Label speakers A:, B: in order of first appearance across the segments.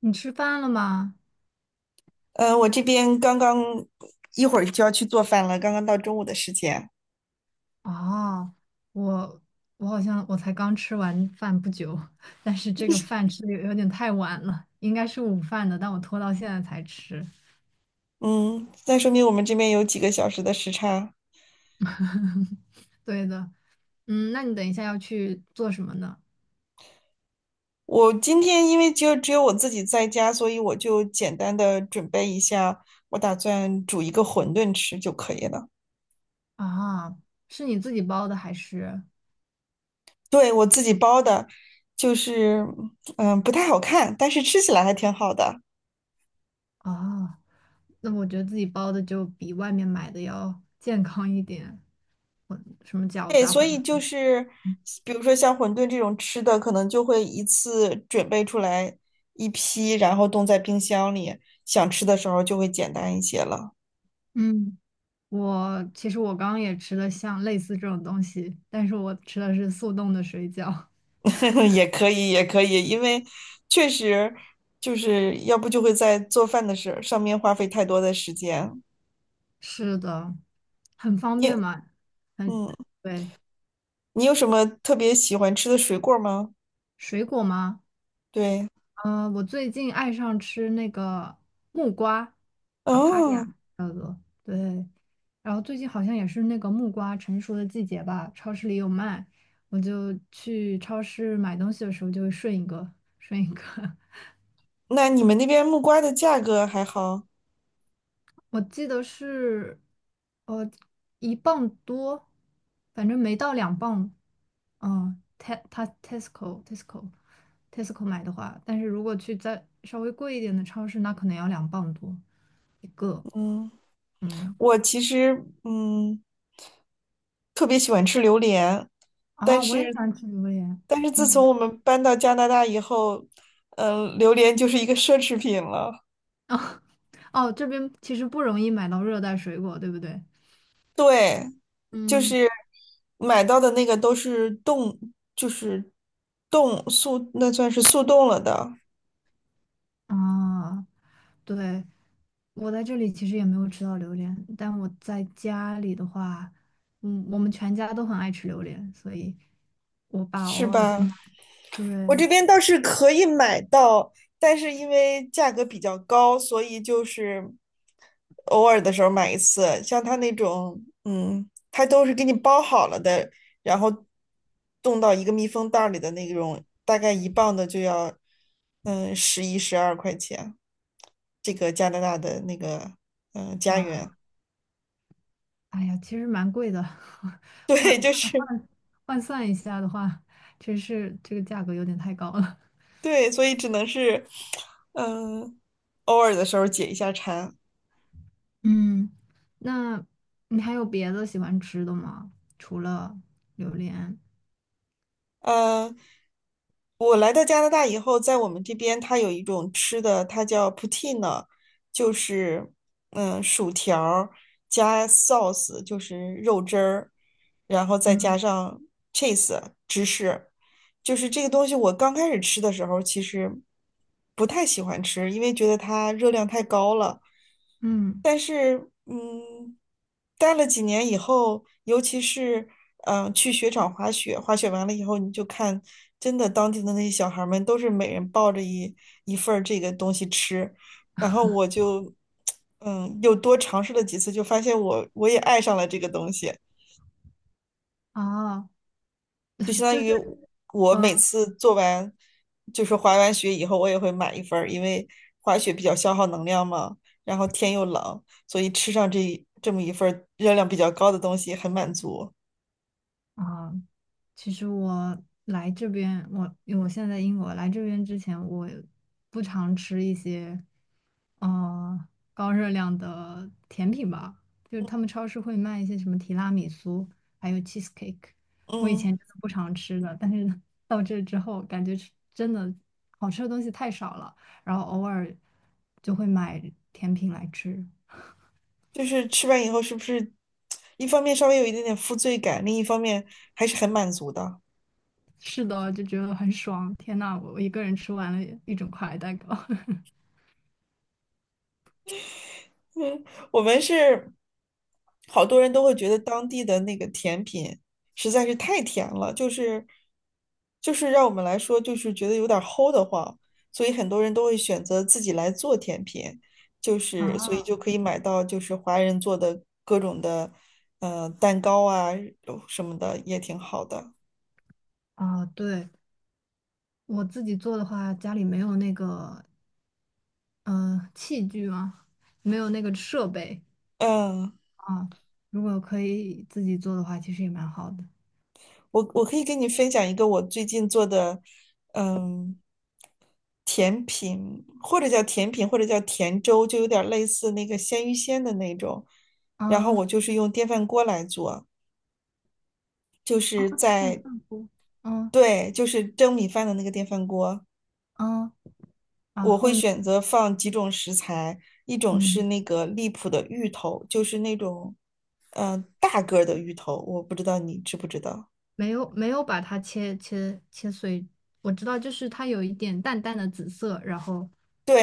A: 你吃饭了吗？
B: 我这边刚刚一会儿就要去做饭了，刚刚到中午的时间。
A: 哦，我我好像我才刚吃完饭不久，但是这个饭吃的有点太晚了，应该是午饭的，但我拖到现在才吃。
B: 嗯，那说明我们这边有几个小时的时差。
A: 对的，那你等一下要去做什么呢？
B: 我今天因为就只有我自己在家，所以我就简单的准备一下，我打算煮一个馄饨吃就可以了。
A: 啊，是你自己包的还是？
B: 对，我自己包的，就是嗯不太好看，但是吃起来还挺好的。
A: 啊，那我觉得自己包的就比外面买的要健康一点，混什么饺子
B: 对，
A: 啊、
B: 所
A: 馄
B: 以就
A: 饨，
B: 是，比如说像馄饨这种吃的，可能就会一次准备出来一批，然后冻在冰箱里，想吃的时候就会简单一些了。
A: 嗯。我其实刚刚也吃了像类似这种东西，但是我吃的是速冻的水饺。
B: 也可以，也可以，因为确实就是要不就会在做饭的事上面花费太多的时间。
A: 是的，很方
B: 你，
A: 便嘛，很，
B: 嗯，
A: 对，
B: 你有什么特别喜欢吃的水果吗？
A: 水果吗？
B: 对，
A: 嗯，我最近爱上吃那个木瓜，papaya，
B: 哦，
A: 对，然后最近好像也是那个木瓜成熟的季节吧，超市里有卖，我就去超市买东西的时候就会顺一个，顺一个。
B: 那你们那边木瓜的价格还好？
A: 我记得是，呃，1磅多，反正没到两磅。嗯，它 Tesco 买的话，但是如果去再稍微贵一点的超市，那可能要2磅多一个。
B: 嗯，
A: 嗯，
B: 我其实，嗯。特别喜欢吃榴莲，但
A: 啊，我也喜
B: 是
A: 欢吃榴莲。
B: 但是自
A: 嗯，
B: 从我们搬到加拿大以后，嗯、榴莲就是一个奢侈品了。
A: 哦，这边其实不容易买到热带水果，对不对？
B: 对，就
A: 嗯，
B: 是买到的那个都是冻，就是冻速，那算是速冻了的，
A: 啊。对，我在这里其实也没有吃到榴莲，但我在家里的话，嗯，我们全家都很爱吃榴莲，所以我爸偶
B: 是
A: 尔会
B: 吧？
A: 买。
B: 我
A: 对，
B: 这边倒是可以买到，但是因为价格比较高，所以就是偶尔的时候买一次，像它那种，嗯，它都是给你包好了的，然后冻到一个密封袋儿里的那种，大概一磅的就要，嗯，十一十二块钱。这个加拿大的那个，嗯，家
A: 哇，
B: 园。
A: 哎呀，其实蛮贵的，换
B: 对，就是
A: 换算一下的话，真是这个价格有点太高了。
B: 对，所以只能是，嗯，偶尔的时候解一下馋。
A: 嗯 那你还有别的喜欢吃的吗？除了榴莲？
B: 嗯，我来到加拿大以后，在我们这边它有一种吃的，它叫 poutine，就是嗯薯条儿加 sauce，就是肉汁儿，然后再加
A: 嗯
B: 上 cheese 芝士。就是这个东西，我刚开始吃的时候其实不太喜欢吃，因为觉得它热量太高了。
A: 嗯，
B: 但是，嗯，待了几年以后，尤其是嗯、去雪场滑雪，滑雪完了以后，你就看真的当地的那些小孩儿们都是每人抱着一份儿这个东西吃，然后我就 嗯又多尝试了几次，就发现我也爱上了这个东西。
A: 哦，
B: 就相当
A: 就是
B: 于我
A: 呃，
B: 每次做完就是滑完雪以后，我也会买一份儿，因为滑雪比较消耗能量嘛，然后天又冷，所以吃上这么一份儿热量比较高的东西很满足。
A: 哦，其实我来这边，因为我现在在英国，来这边之前我不常吃一些，呃，高热量的甜品吧，就是他们超市会卖一些什么提拉米苏，还有 cheesecake，我以
B: 嗯，
A: 前真的不常吃的，但是 到这之后，感觉吃真的好吃的东西太少了，然后偶尔就会买甜品来吃，
B: 就是吃完以后是不是 一方面稍微有一点点负罪感，另一方面还是很满足的。
A: 是的，就觉得很爽，天呐，我一个人吃完了一整块蛋糕。
B: 嗯，我们是好多人都会觉得当地的那个甜品实在是太甜了，就是让我们来说就是觉得有点儿齁的慌，所以很多人都会选择自己来做甜品，就是所
A: 啊
B: 以就可以买到就是华人做的各种的蛋糕啊什么的也挺好的。
A: 啊，对，我自己做的话，家里没有那个器具啊，没有那个设备
B: 嗯，
A: 啊。如果可以自己做的话，其实也蛮好的。
B: 我可以跟你分享一个我最近做的，嗯，甜品或者叫甜品或者叫甜粥，就有点类似那个鲜芋仙的那种。然后
A: 啊
B: 我就是用电饭锅来做，就
A: 啊，
B: 是
A: 电
B: 在，
A: 饭锅，嗯
B: 对，就是蒸米饭的那个电饭锅。
A: 嗯，然
B: 我会
A: 后呢，
B: 选择放几种食材，一种是
A: 嗯，
B: 那个荔浦的芋头，就是那种，嗯、大个儿的芋头，我不知道你知不知道。
A: 没有没有把它切碎，我知道就是它有一点淡淡的紫色，然后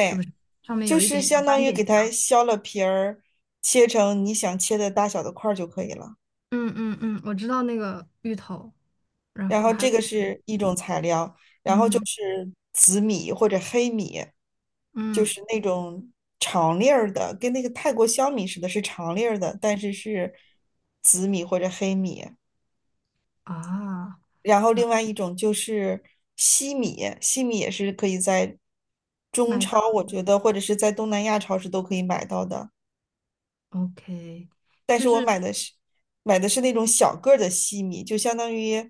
A: 是不是上面
B: 就
A: 有一
B: 是
A: 点小
B: 相当
A: 斑
B: 于
A: 点
B: 给
A: 一
B: 它
A: 样？
B: 削了皮儿，切成你想切的大小的块儿就可以了。
A: 嗯嗯嗯，我知道那个芋头，然
B: 然
A: 后
B: 后
A: 还
B: 这
A: 有
B: 个是一种材料，
A: 嗯
B: 是紫米或者黑米，就
A: 嗯
B: 是那种长粒儿的，跟那个泰国香米似的，是长粒儿的，但是是紫米或者黑米。
A: 啊。
B: 然后
A: 然
B: 另
A: 后
B: 外一种就是西米，西米也是可以在中
A: 买
B: 超，我觉得或者是在东南亚超市都可以买到的。
A: OK，
B: 但
A: 就
B: 是我
A: 是
B: 买的是那种小个儿的西米，就相当于，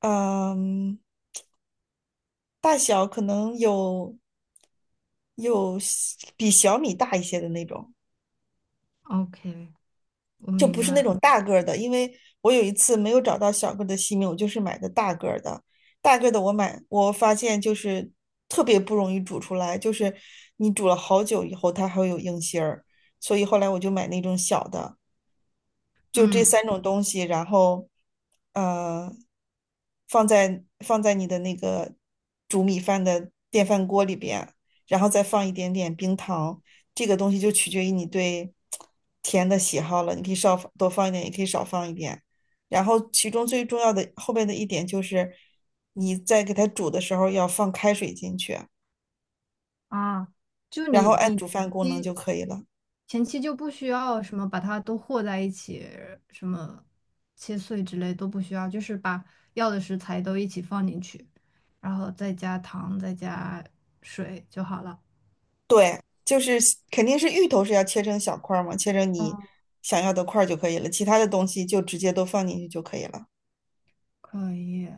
B: 嗯，大小可能有比小米大一些的那种，
A: OK，我
B: 就
A: 明
B: 不
A: 白
B: 是
A: 了，
B: 那种大个儿的。因为我有一次没有找到小个儿的西米，我就是买的大个儿的。大个儿的我买，我发现就是特别不容易煮出来，就是你煮了好久以后，它还会有硬芯儿。所以后来我就买那种小的。就这
A: 嗯，
B: 三种东西，然后呃，放在你的那个煮米饭的电饭锅里边，然后再放一点点冰糖，这个东西就取决于你对甜的喜好了，你可以少多放一点，也可以少放一点。然后其中最重要的后边的一点就是，你在给它煮的时候要放开水进去，
A: 啊，就
B: 然
A: 你
B: 后按
A: 你
B: 煮饭功能
A: 你
B: 就可以了。
A: 前期就不需要什么把它都和在一起，什么切碎之类都不需要，就是把要的食材都一起放进去，然后再加糖，再加水就好了。
B: 对，就是肯定是芋头是要切成小块儿嘛，切成
A: 哦，
B: 你想要的块儿就可以了，其他的东西就直接都放进去就可以了。
A: 可以，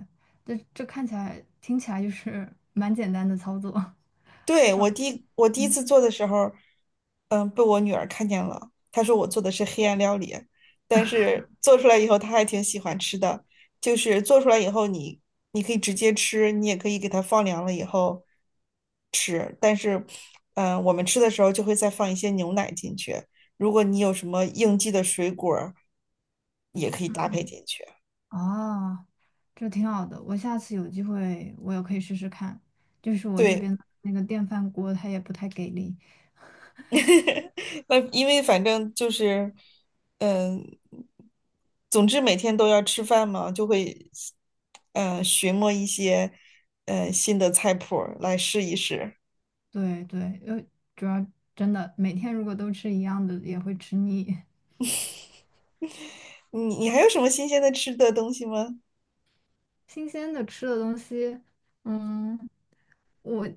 A: 这看起来听起来就是蛮简单的操作。
B: 对，我第一
A: 嗯。
B: 次做的时候，嗯，被我女儿看见了，她说我做的是黑暗料理，但是做出来以后她还挺喜欢吃的，就是做出来以后你可以直接吃，你也可以给它放凉了以后。嗯、我们吃的时候就会再放一些牛奶进去。如果你有什么应季的水果儿也可以搭配进去。
A: 哦，这挺好的，我下次有机会我也可以试试看。就是我这
B: 对，
A: 边的那个电饭锅它也不太给力，
B: 那因为反正就是，嗯、总之每天都要吃饭嘛，就会，嗯、寻摸一些，嗯，新的菜谱儿来试一试。
A: 对对，主要真的每天如果都吃一样的也会吃腻，
B: 你还有什么新鲜的吃的东西吗？
A: 新鲜的吃的东西，嗯，我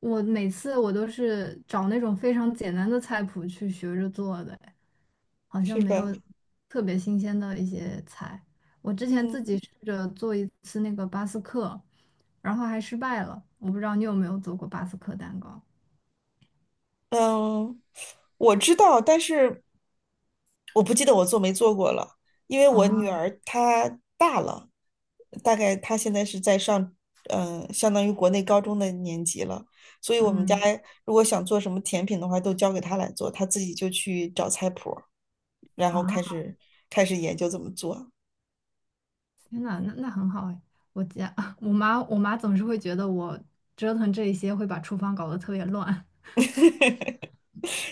A: 我每次都是找那种非常简单的菜谱去学着做的，好像
B: 是
A: 没有
B: 吧？
A: 特别新鲜的一些菜。我之前自
B: 嗯。
A: 己试着做一次那个巴斯克，然后还失败了。我不知道你有没有做过巴斯克蛋糕
B: 嗯，我知道，但是我不记得我做没做过了，因为我女
A: 啊？
B: 儿她大了，大概她现在是在上，嗯、相当于国内高中的年级了，所以我们家
A: 嗯
B: 如果想做什么甜品的话，都交给她来做，她自己就去找菜谱儿然后
A: 啊，
B: 开始研究怎么做。
A: 天呐，那很好哎。我家 我妈总是会觉得我折腾这一些会把厨房搞得特别乱。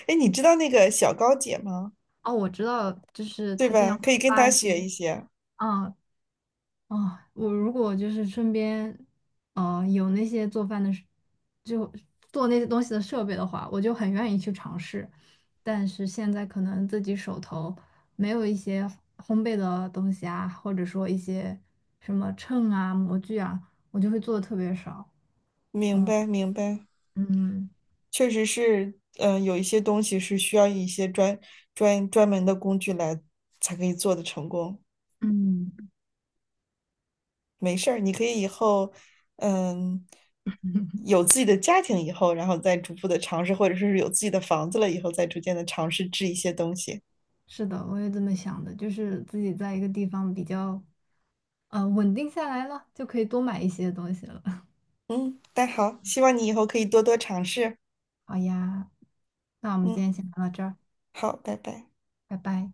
B: 哎你知道那个小高姐吗？
A: 哦，我知道，就是
B: 对
A: 她经
B: 吧？
A: 常会
B: 可以跟
A: 发
B: 她
A: 一些。
B: 学一些。
A: 嗯，啊，我如果就是身边，有那些做饭的就做那些东西的设备的话，我就很愿意去尝试。但是现在可能自己手头没有一些烘焙的东西啊，或者说一些什么秤啊、模具啊，我就会做的特别少。
B: 明
A: 嗯
B: 白，明白。
A: 嗯，
B: 确实是，嗯，有一些东西是需要一些专门的工具来才可以做的成功。
A: 嗯，
B: 没事儿，你可以以后，嗯，有自己的家庭以后，然后再逐步的尝试，或者是有自己的房子了以后，再逐渐的尝试制一些东西。
A: 是的，我也这么想的，就是自己在一个地方比较，稳定下来了，就可以多买一些东西了。
B: 嗯，但好，希望你以后可以多多尝试。
A: 好呀，那我们今
B: 嗯，
A: 天先聊到这儿。
B: 好，拜拜。
A: 拜拜。